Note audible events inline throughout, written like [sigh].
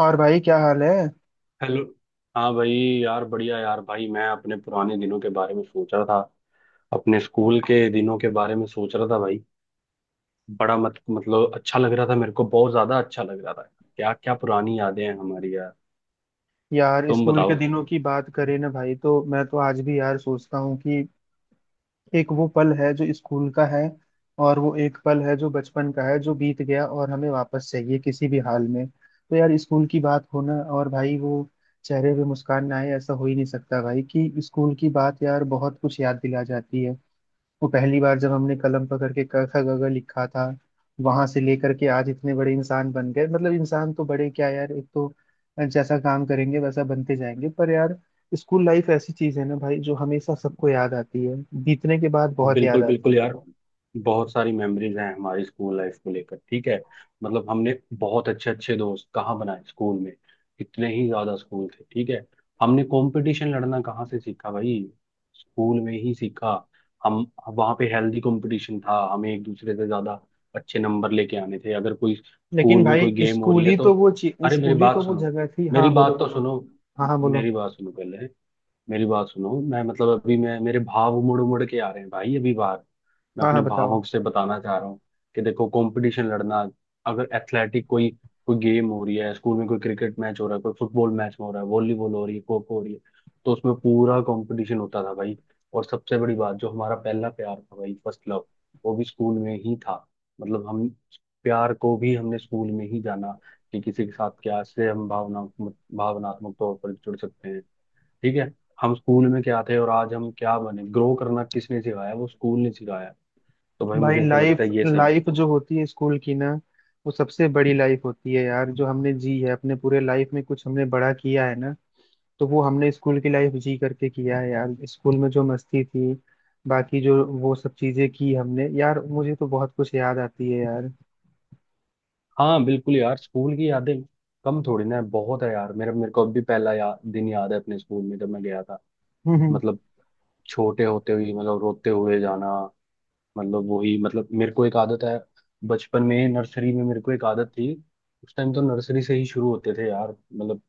और भाई क्या हाल है? हेलो। हाँ भाई। यार बढ़िया यार, भाई मैं अपने पुराने दिनों के बारे में सोच रहा था, अपने स्कूल के दिनों के बारे में सोच रहा था भाई। बड़ा मत मतलब अच्छा लग रहा था, मेरे को बहुत ज्यादा अच्छा लग रहा था। क्या क्या पुरानी यादें हैं हमारी यार। यार तुम स्कूल के बताओ। दिनों की बात करें ना भाई, तो मैं तो आज भी यार सोचता हूँ कि एक वो पल है जो स्कूल का है और वो एक पल है जो बचपन का है, जो बीत गया और हमें वापस चाहिए किसी भी हाल में। तो यार स्कूल की बात हो ना, और भाई वो चेहरे पे मुस्कान ना आए ऐसा हो ही नहीं सकता भाई, कि स्कूल की बात यार बहुत कुछ याद दिला जाती है। वो पहली बार जब हमने कलम पकड़ के क ख ग घ लिखा था, वहां से लेकर के आज इतने बड़े इंसान बन गए। मतलब इंसान तो बड़े क्या यार, एक तो जैसा काम करेंगे वैसा बनते जाएंगे, पर यार स्कूल लाइफ ऐसी चीज है ना भाई जो हमेशा सबको याद आती है, बीतने के बाद बहुत याद बिल्कुल, बिल्कुल आती है। यार, बहुत सारी मेमोरीज हैं हमारी स्कूल लाइफ को लेकर। ठीक है। मतलब हमने बहुत अच्छे अच्छे दोस्त कहाँ बनाए स्कूल में। कितने ही ज्यादा स्कूल थे। ठीक है। हमने कंपटीशन लड़ना कहाँ से सीखा भाई? स्कूल में ही सीखा। हम, वहाँ पे हेल्दी कंपटीशन था, हमें एक दूसरे से ज्यादा अच्छे नंबर लेके आने थे। अगर कोई लेकिन स्कूल में कोई भाई गेम हो रही है तो। अरे मेरी स्कूल ही तो बात वो सुनो। जगह थी। मेरी हाँ, बोलो बात तो बोलो। सुनो। हाँ हाँ, बोलो। मेरी बात सुनो पहले। मेरी बात सुनो, मैं मतलब अभी, मैं, मेरे भाव उमड़ उमड़ के आ रहे हैं भाई, अभी बाहर। मैं हाँ अपने हाँ, बताओ। भावों से बताना चाह रहा हूँ कि देखो, कंपटीशन लड़ना, अगर एथलेटिक कोई, कोई गेम हो रही है स्कूल में, कोई क्रिकेट मैच हो रहा है, कोई फुटबॉल मैच हो रहा है, वॉलीबॉल हो रही है, खो खो हो रही है, तो उसमें पूरा कंपटीशन होता था भाई। और सबसे बड़ी बात, जो हमारा पहला प्यार था भाई, फर्स्ट लव, वो भी स्कूल में ही था। मतलब हम, प्यार को भी हमने स्कूल में ही जाना, कि किसी के साथ क्या से हम भावनात्मक तौर पर जुड़ सकते हैं। ठीक है। हम स्कूल में क्या थे और आज हम क्या बने, ग्रो करना किसने सिखाया? वो स्कूल ने सिखाया। तो भाई, भाई मुझे तो लगता लाइफ है ये सब। लाइफ जो होती है स्कूल की ना, वो सबसे बड़ी लाइफ होती है यार, जो हमने जी है। अपने पूरे लाइफ में कुछ हमने बड़ा किया है ना, तो वो हमने स्कूल की लाइफ जी करके किया है। यार स्कूल में जो मस्ती थी, बाकी जो वो सब चीजें की हमने यार, मुझे तो बहुत कुछ याद आती है यार। हाँ बिल्कुल यार, स्कूल की यादें कम थोड़ी ना है, बहुत है यार, मेरा मेरे को अब भी पहला दिन याद है अपने स्कूल में जब मैं गया था। मतलब [laughs] छोटे होते हुए, मतलब रोते हुए जाना, मतलब वही, मतलब मेरे को एक आदत है। बचपन में नर्सरी में मेरे को एक आदत थी। उस टाइम तो नर्सरी से ही शुरू होते थे यार, मतलब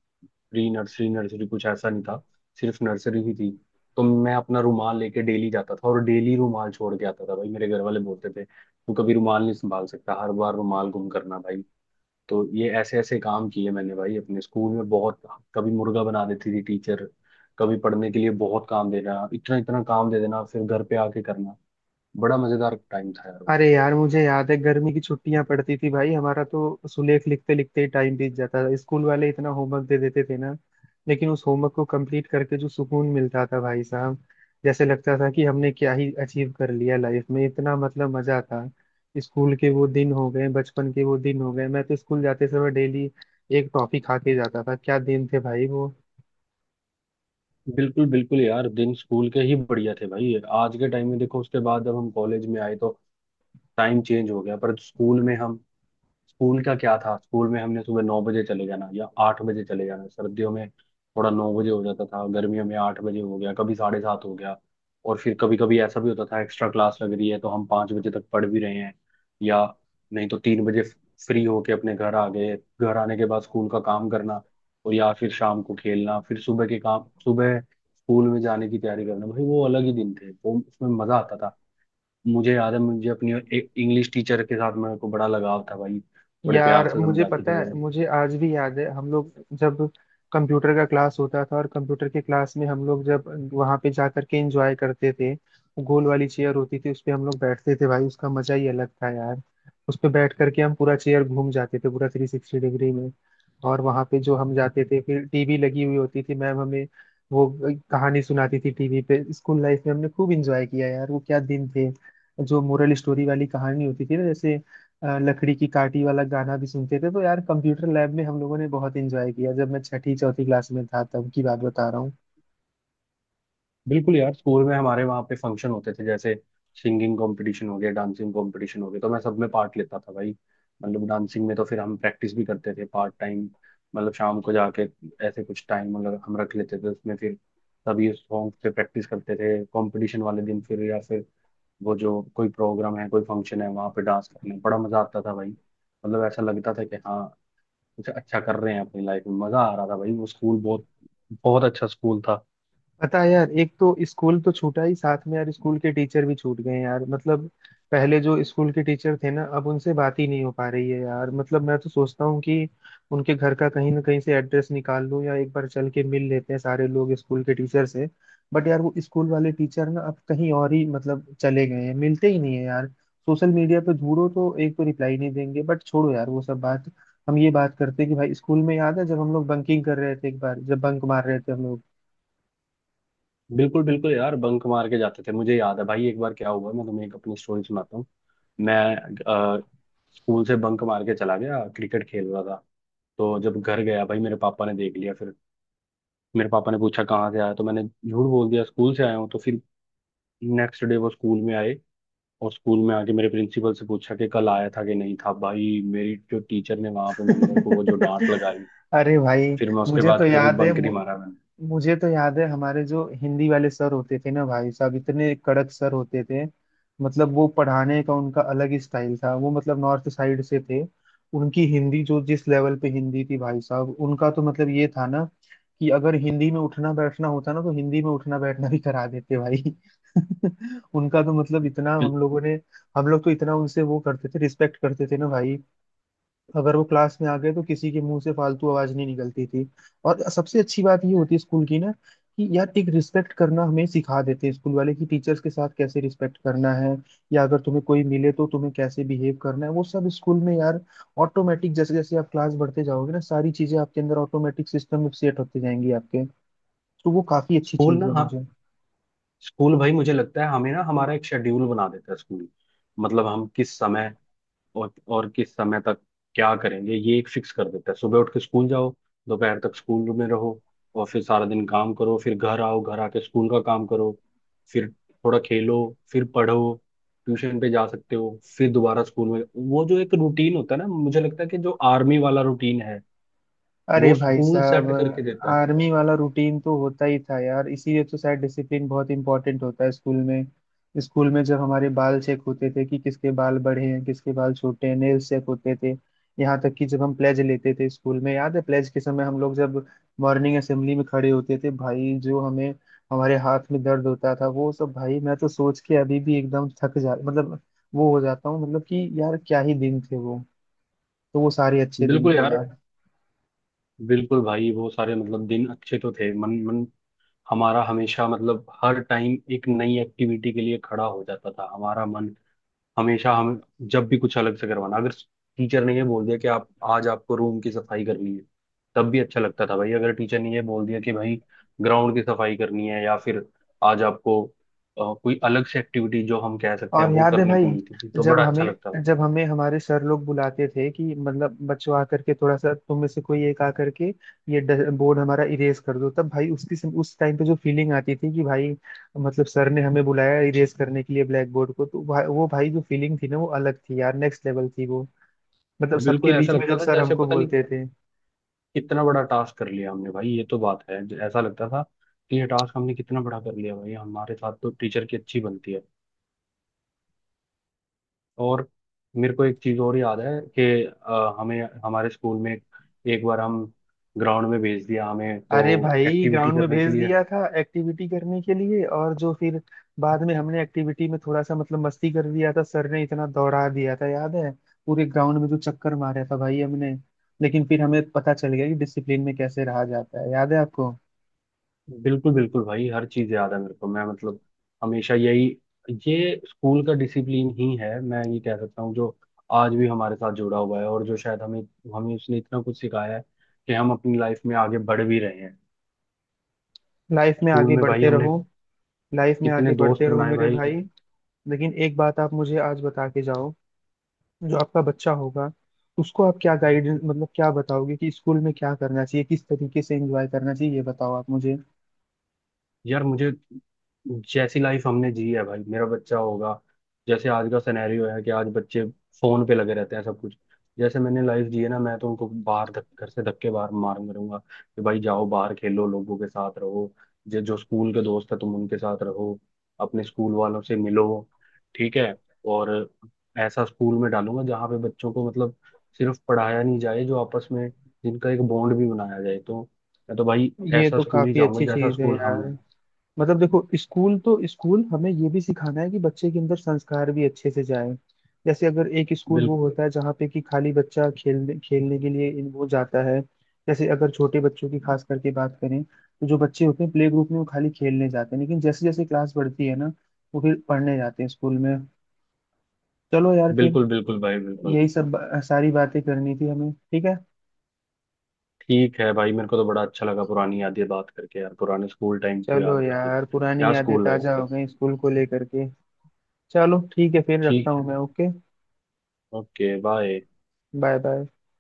प्री नर्सरी, नर्सरी कुछ ऐसा नहीं था, सिर्फ नर्सरी ही थी। तो मैं अपना रुमाल लेके डेली जाता था और डेली रुमाल छोड़ के आता था भाई। मेरे घर वाले बोलते थे तू कभी रुमाल नहीं संभाल सकता, हर बार रुमाल गुम करना भाई। तो ये ऐसे ऐसे काम किए मैंने भाई अपने स्कूल में बहुत। कभी मुर्गा बना देती थी टीचर, कभी पढ़ने के लिए बहुत काम देना, इतना इतना काम दे देना फिर घर पे आके करना। बड़ा मजेदार टाइम था यार वो। अरे यार, मुझे याद है गर्मी की छुट्टियां पड़ती थी भाई, हमारा तो सुलेख लिखते लिखते ही टाइम बीत जाता था, स्कूल वाले इतना होमवर्क दे देते थे ना। लेकिन उस होमवर्क को कंप्लीट करके जो सुकून मिलता था भाई साहब, जैसे लगता था कि हमने क्या ही अचीव कर लिया लाइफ में, इतना मतलब मजा था। स्कूल के वो दिन हो गए, बचपन के वो दिन हो गए, मैं तो स्कूल जाते समय डेली एक टॉफी खा के जाता था, क्या दिन थे भाई वो। बिल्कुल, बिल्कुल यार, दिन स्कूल के ही बढ़िया थे भाई। आज के टाइम में देखो, उसके बाद जब हम कॉलेज में आए तो टाइम चेंज हो गया, पर स्कूल में हम, स्कूल का क्या था, स्कूल में हमने सुबह 9 बजे चले जाना या 8 बजे चले जाना, सर्दियों में थोड़ा 9 बजे हो जाता था, गर्मियों में 8 बजे हो गया, कभी 7:30 हो गया। और फिर कभी कभी ऐसा भी होता था एक्स्ट्रा क्लास लग रही है तो हम 5 बजे तक पढ़ भी रहे हैं, या नहीं तो 3 बजे फ्री होके अपने घर आ गए। घर आने के बाद स्कूल का काम करना, और या फिर शाम को खेलना, फिर सुबह के काम, सुबह स्कूल में जाने की तैयारी करना भाई। वो अलग ही दिन थे, वो उसमें मजा आता था। मुझे याद है, मुझे अपनी एक इंग्लिश टीचर के साथ मेरे को बड़ा लगाव था भाई, बड़े प्यार यार से मुझे समझाती थी पता है, बड़े। मुझे आज भी याद है हम लोग जब कंप्यूटर का क्लास होता था, और कंप्यूटर के क्लास में हम लोग जब वहां पे जा करके एंजॉय करते थे, गोल वाली चेयर होती थी उस पे हम लोग बैठते थे भाई, उसका मजा ही अलग था यार। उस पे बैठ करके हम पूरा चेयर घूम जाते थे, पूरा 360 डिग्री में। और वहां पे जो हम जाते थे, फिर टीवी लगी हुई होती थी, मैम हमें वो कहानी सुनाती थी टीवी पे। स्कूल लाइफ में हमने खूब एंजॉय किया यार, वो क्या दिन थे। जो मोरल स्टोरी वाली कहानी होती थी ना, जैसे लकड़ी की काटी वाला गाना भी सुनते थे, तो यार कंप्यूटर लैब में हम लोगों ने बहुत एंजॉय किया। जब मैं छठी चौथी क्लास में था तब की बात बता रहा हूँ। बिल्कुल यार, स्कूल में हमारे वहाँ पे फंक्शन होते थे, जैसे सिंगिंग कंपटीशन हो गया, डांसिंग कंपटीशन हो गया, तो मैं सब में पार्ट लेता था भाई। मतलब डांसिंग में तो फिर हम प्रैक्टिस भी करते थे पार्ट टाइम, मतलब शाम को जाके ऐसे कुछ टाइम मतलब हम रख लेते थे, उसमें फिर सभी सॉन्ग पे प्रैक्टिस करते थे कंपटीशन वाले दिन, फिर या फिर वो जो कोई प्रोग्राम है कोई फंक्शन है, वहाँ पे डांस करने में बड़ा मजा आता था भाई, मतलब ऐसा लगता था कि हाँ, कुछ अच्छा कर रहे हैं अपनी लाइफ में। मजा आ रहा था भाई, वो स्कूल बहुत, बहुत अच्छा स्कूल था। पता है यार, एक तो स्कूल तो छूटा ही, साथ में यार स्कूल के टीचर भी छूट गए हैं यार। मतलब पहले जो स्कूल के टीचर थे ना, अब उनसे बात ही नहीं हो पा रही है यार। मतलब मैं तो सोचता हूँ कि उनके घर का कहीं ना कहीं से एड्रेस निकाल लूँ, या एक बार चल के मिल लेते हैं सारे लोग स्कूल के टीचर से। बट यार वो स्कूल वाले टीचर ना अब कहीं और ही मतलब चले गए हैं, मिलते ही नहीं है यार। सोशल मीडिया पे ढूंढो तो एक तो रिप्लाई नहीं देंगे। बट छोड़ो यार वो सब बात, हम ये बात करते हैं कि भाई स्कूल में याद है जब हम लोग बंकिंग कर रहे थे, एक बार जब बंक मार रहे थे हम लोग। बिल्कुल, बिल्कुल यार, बंक मार के जाते थे, मुझे याद है भाई। एक बार क्या हुआ, मैं तुम्हें एक अपनी स्टोरी सुनाता हूँ। मैं अ, स्कूल से बंक मार के चला गया, क्रिकेट खेल रहा था। तो जब घर गया भाई, मेरे पापा ने देख लिया। फिर मेरे पापा ने पूछा कहाँ से आया, तो मैंने झूठ बोल दिया स्कूल से आया हूँ। तो फिर नेक्स्ट डे वो स्कूल में आए, और स्कूल में आके मेरे प्रिंसिपल से पूछा कि कल आया था कि नहीं था। भाई, मेरी जो टीचर ने वहां पे, मतलब मेरे को वो जो डांट [laughs] लगाई। अरे भाई, फिर मैं उसके मुझे तो बाद कभी याद है बंक नहीं मारा मैंने। मुझे तो याद है हमारे जो हिंदी वाले सर होते थे ना भाई साहब, इतने कड़क सर होते थे। मतलब वो पढ़ाने का उनका अलग ही स्टाइल था, वो मतलब नॉर्थ साइड से थे। उनकी हिंदी जो जिस लेवल पे हिंदी थी भाई साहब, उनका तो मतलब ये था ना कि अगर हिंदी में उठना बैठना होता ना, तो हिंदी में उठना बैठना भी करा देते भाई। [laughs] उनका तो मतलब इतना हम लोग तो इतना उनसे वो करते थे, रिस्पेक्ट करते थे ना भाई। अगर वो क्लास में आ गए तो किसी के मुंह से फालतू आवाज नहीं निकलती थी। और सबसे अच्छी बात ये होती है स्कूल की ना, कि यार एक रिस्पेक्ट करना हमें सिखा देते हैं स्कूल वाले, कि टीचर्स के साथ कैसे रिस्पेक्ट करना है, या अगर तुम्हें कोई मिले तो तुम्हें कैसे बिहेव करना है, वो सब स्कूल में यार ऑटोमेटिक जैसे जैसे आप क्लास बढ़ते जाओगे ना, सारी चीजें आपके अंदर ऑटोमेटिक सिस्टम में सेट होती जाएंगी आपके। तो वो काफी अच्छी स्कूल चीज ना, है हाँ। मुझे। स्कूल भाई मुझे लगता है हमें ना, हमारा एक शेड्यूल बना देता है स्कूल, मतलब हम किस समय और किस समय तक क्या करेंगे, ये एक फिक्स कर देता है। सुबह उठ के स्कूल जाओ, दोपहर तक स्कूल में रहो, और फिर सारा दिन काम करो, फिर घर आओ, घर आके स्कूल का काम करो, फिर थोड़ा खेलो, फिर पढ़ो, ट्यूशन पे जा सकते हो, फिर दोबारा स्कूल में। वो जो एक रूटीन होता है ना, मुझे लगता है कि जो आर्मी वाला रूटीन है, अरे वो भाई स्कूल साहब, सेट करके देता है। आर्मी वाला रूटीन तो होता ही था यार, इसीलिए तो शायद डिसिप्लिन बहुत इंपॉर्टेंट होता है स्कूल में। स्कूल में जब हमारे बाल चेक होते थे कि किसके बाल बड़े हैं किसके बाल छोटे हैं, नेल्स चेक होते थे, यहाँ तक कि जब हम प्लेज लेते थे स्कूल में। याद है? प्लेज के समय हम लोग जब मॉर्निंग असेंबली में खड़े होते थे भाई, जो हमें हमारे हाथ में दर्द होता था वो सब भाई, मैं तो सोच के अभी भी एकदम थक जा मतलब वो हो जाता हूँ, मतलब कि यार क्या ही दिन थे वो। तो वो सारे अच्छे दिन बिल्कुल थे यार, यार। बिल्कुल भाई, वो सारे, मतलब, दिन अच्छे तो थे। मन मन हमारा हमेशा, मतलब हर टाइम एक नई एक्टिविटी के लिए खड़ा हो जाता था हमारा मन। हमेशा हम जब भी कुछ अलग से करवाना, अगर टीचर ने ये बोल दिया कि आप आज आपको रूम की सफाई करनी है, तब भी अच्छा लगता था भाई। अगर टीचर ने ये बोल दिया कि भाई ग्राउंड की सफाई करनी है, या फिर आज आपको कोई अलग से एक्टिविटी, जो हम कह सकते हैं, और वो याद है करने भाई, को मिलती थी, तो जब बड़ा अच्छा हमें लगता था। जब हमें हमारे सर लोग बुलाते थे कि मतलब बच्चों, आकर के थोड़ा सा तुम में से कोई एक आकर के ये बोर्ड हमारा इरेज कर दो, तब भाई उस टाइम पे जो फीलिंग आती थी कि भाई मतलब सर ने हमें बुलाया इरेज करने के लिए ब्लैक बोर्ड को, तो वो भाई जो फीलिंग थी ना, वो अलग थी यार, नेक्स्ट लेवल थी वो। मतलब बिल्कुल सबके ऐसा बीच में लगता जब था सर जैसे हमको पता नहीं बोलते थे। कितना बड़ा टास्क कर लिया हमने भाई, ये तो बात है ऐसा लगता था कि ये टास्क हमने कितना बड़ा कर लिया भाई। हमारे साथ तो टीचर की अच्छी बनती है। और मेरे को एक चीज और याद है कि हमें हमारे स्कूल में एक बार हम ग्राउंड में भेज दिया हमें, तो अरे भाई, एक्टिविटी ग्राउंड में करने के भेज लिए। दिया था एक्टिविटी करने के लिए, और जो फिर बाद में हमने एक्टिविटी में थोड़ा सा मतलब मस्ती कर दिया था, सर ने इतना दौड़ा दिया था याद है, पूरे ग्राउंड में जो चक्कर मारा था भाई हमने। लेकिन फिर हमें पता चल गया कि डिसिप्लिन में कैसे रहा जाता है, याद है आपको? बिल्कुल, बिल्कुल भाई, हर चीज याद है मेरे को, मैं मतलब हमेशा यही, ये स्कूल का डिसिप्लिन ही है, मैं ये कह सकता हूँ, जो आज भी हमारे साथ जुड़ा हुआ है, और जो शायद हमें हमें उसने इतना कुछ सिखाया है कि हम अपनी लाइफ में आगे बढ़ भी रहे हैं। लाइफ में स्कूल आगे में भाई बढ़ते हमने रहो। लाइफ में कितने आगे बढ़ते दोस्त रहो बनाए मेरे भाई। भाई। लेकिन एक बात आप मुझे आज बता के जाओ, जो आपका बच्चा होगा उसको आप क्या गाइडेंस, मतलब क्या बताओगे कि स्कूल में क्या करना चाहिए, किस तरीके से एंजॉय करना चाहिए, ये बताओ आप मुझे। यार मुझे, जैसी लाइफ हमने जी है भाई मेरा बच्चा होगा, जैसे आज का सिनेरियो है कि आज बच्चे फोन पे लगे रहते हैं सब कुछ, जैसे मैंने लाइफ जी है ना, मैं तो उनको बाहर घर से धक्के बाहर मार करूंगा कि भाई जाओ बाहर खेलो, लोगों के साथ रहो। जो जो स्कूल के दोस्त है तुम उनके साथ रहो, अपने स्कूल वालों से मिलो। ठीक है। और ऐसा स्कूल में डालूंगा जहाँ पे बच्चों को, मतलब सिर्फ पढ़ाया नहीं जाए, जो आपस में, जिनका एक बॉन्ड भी बनाया जाए। तो मैं तो भाई ये ऐसा तो स्कूल ही काफी जाऊंगा अच्छी जैसा चीज है स्कूल यार। हमने। मतलब देखो, स्कूल तो स्कूल हमें ये भी सिखाना है कि बच्चे के अंदर संस्कार भी अच्छे से जाए। जैसे अगर एक स्कूल बिल, वो होता है जहाँ पे कि खाली बच्चा खेलने खेलने के लिए वो जाता है। जैसे अगर छोटे बच्चों की खास करके बात करें तो जो बच्चे होते हैं प्ले ग्रुप में वो खाली खेलने जाते हैं, लेकिन जैसे जैसे क्लास बढ़ती है ना वो फिर पढ़ने जाते हैं स्कूल में। चलो यार फिर बिल्कुल, बिल्कुल भाई, बिल्कुल। यही सब सारी बातें करनी थी हमें, ठीक है। ठीक है भाई, मेरे को तो बड़ा अच्छा लगा पुरानी यादें बात करके यार, पुराने स्कूल टाइम को चलो याद करके यार, पुरानी क्या यादें स्कूल लाइफ ताजा हो थी। गई स्कूल को लेकर के। चलो, ठीक है फिर, रखता ठीक है। हूँ मैं, okay. Okay. Bye. Bye bye.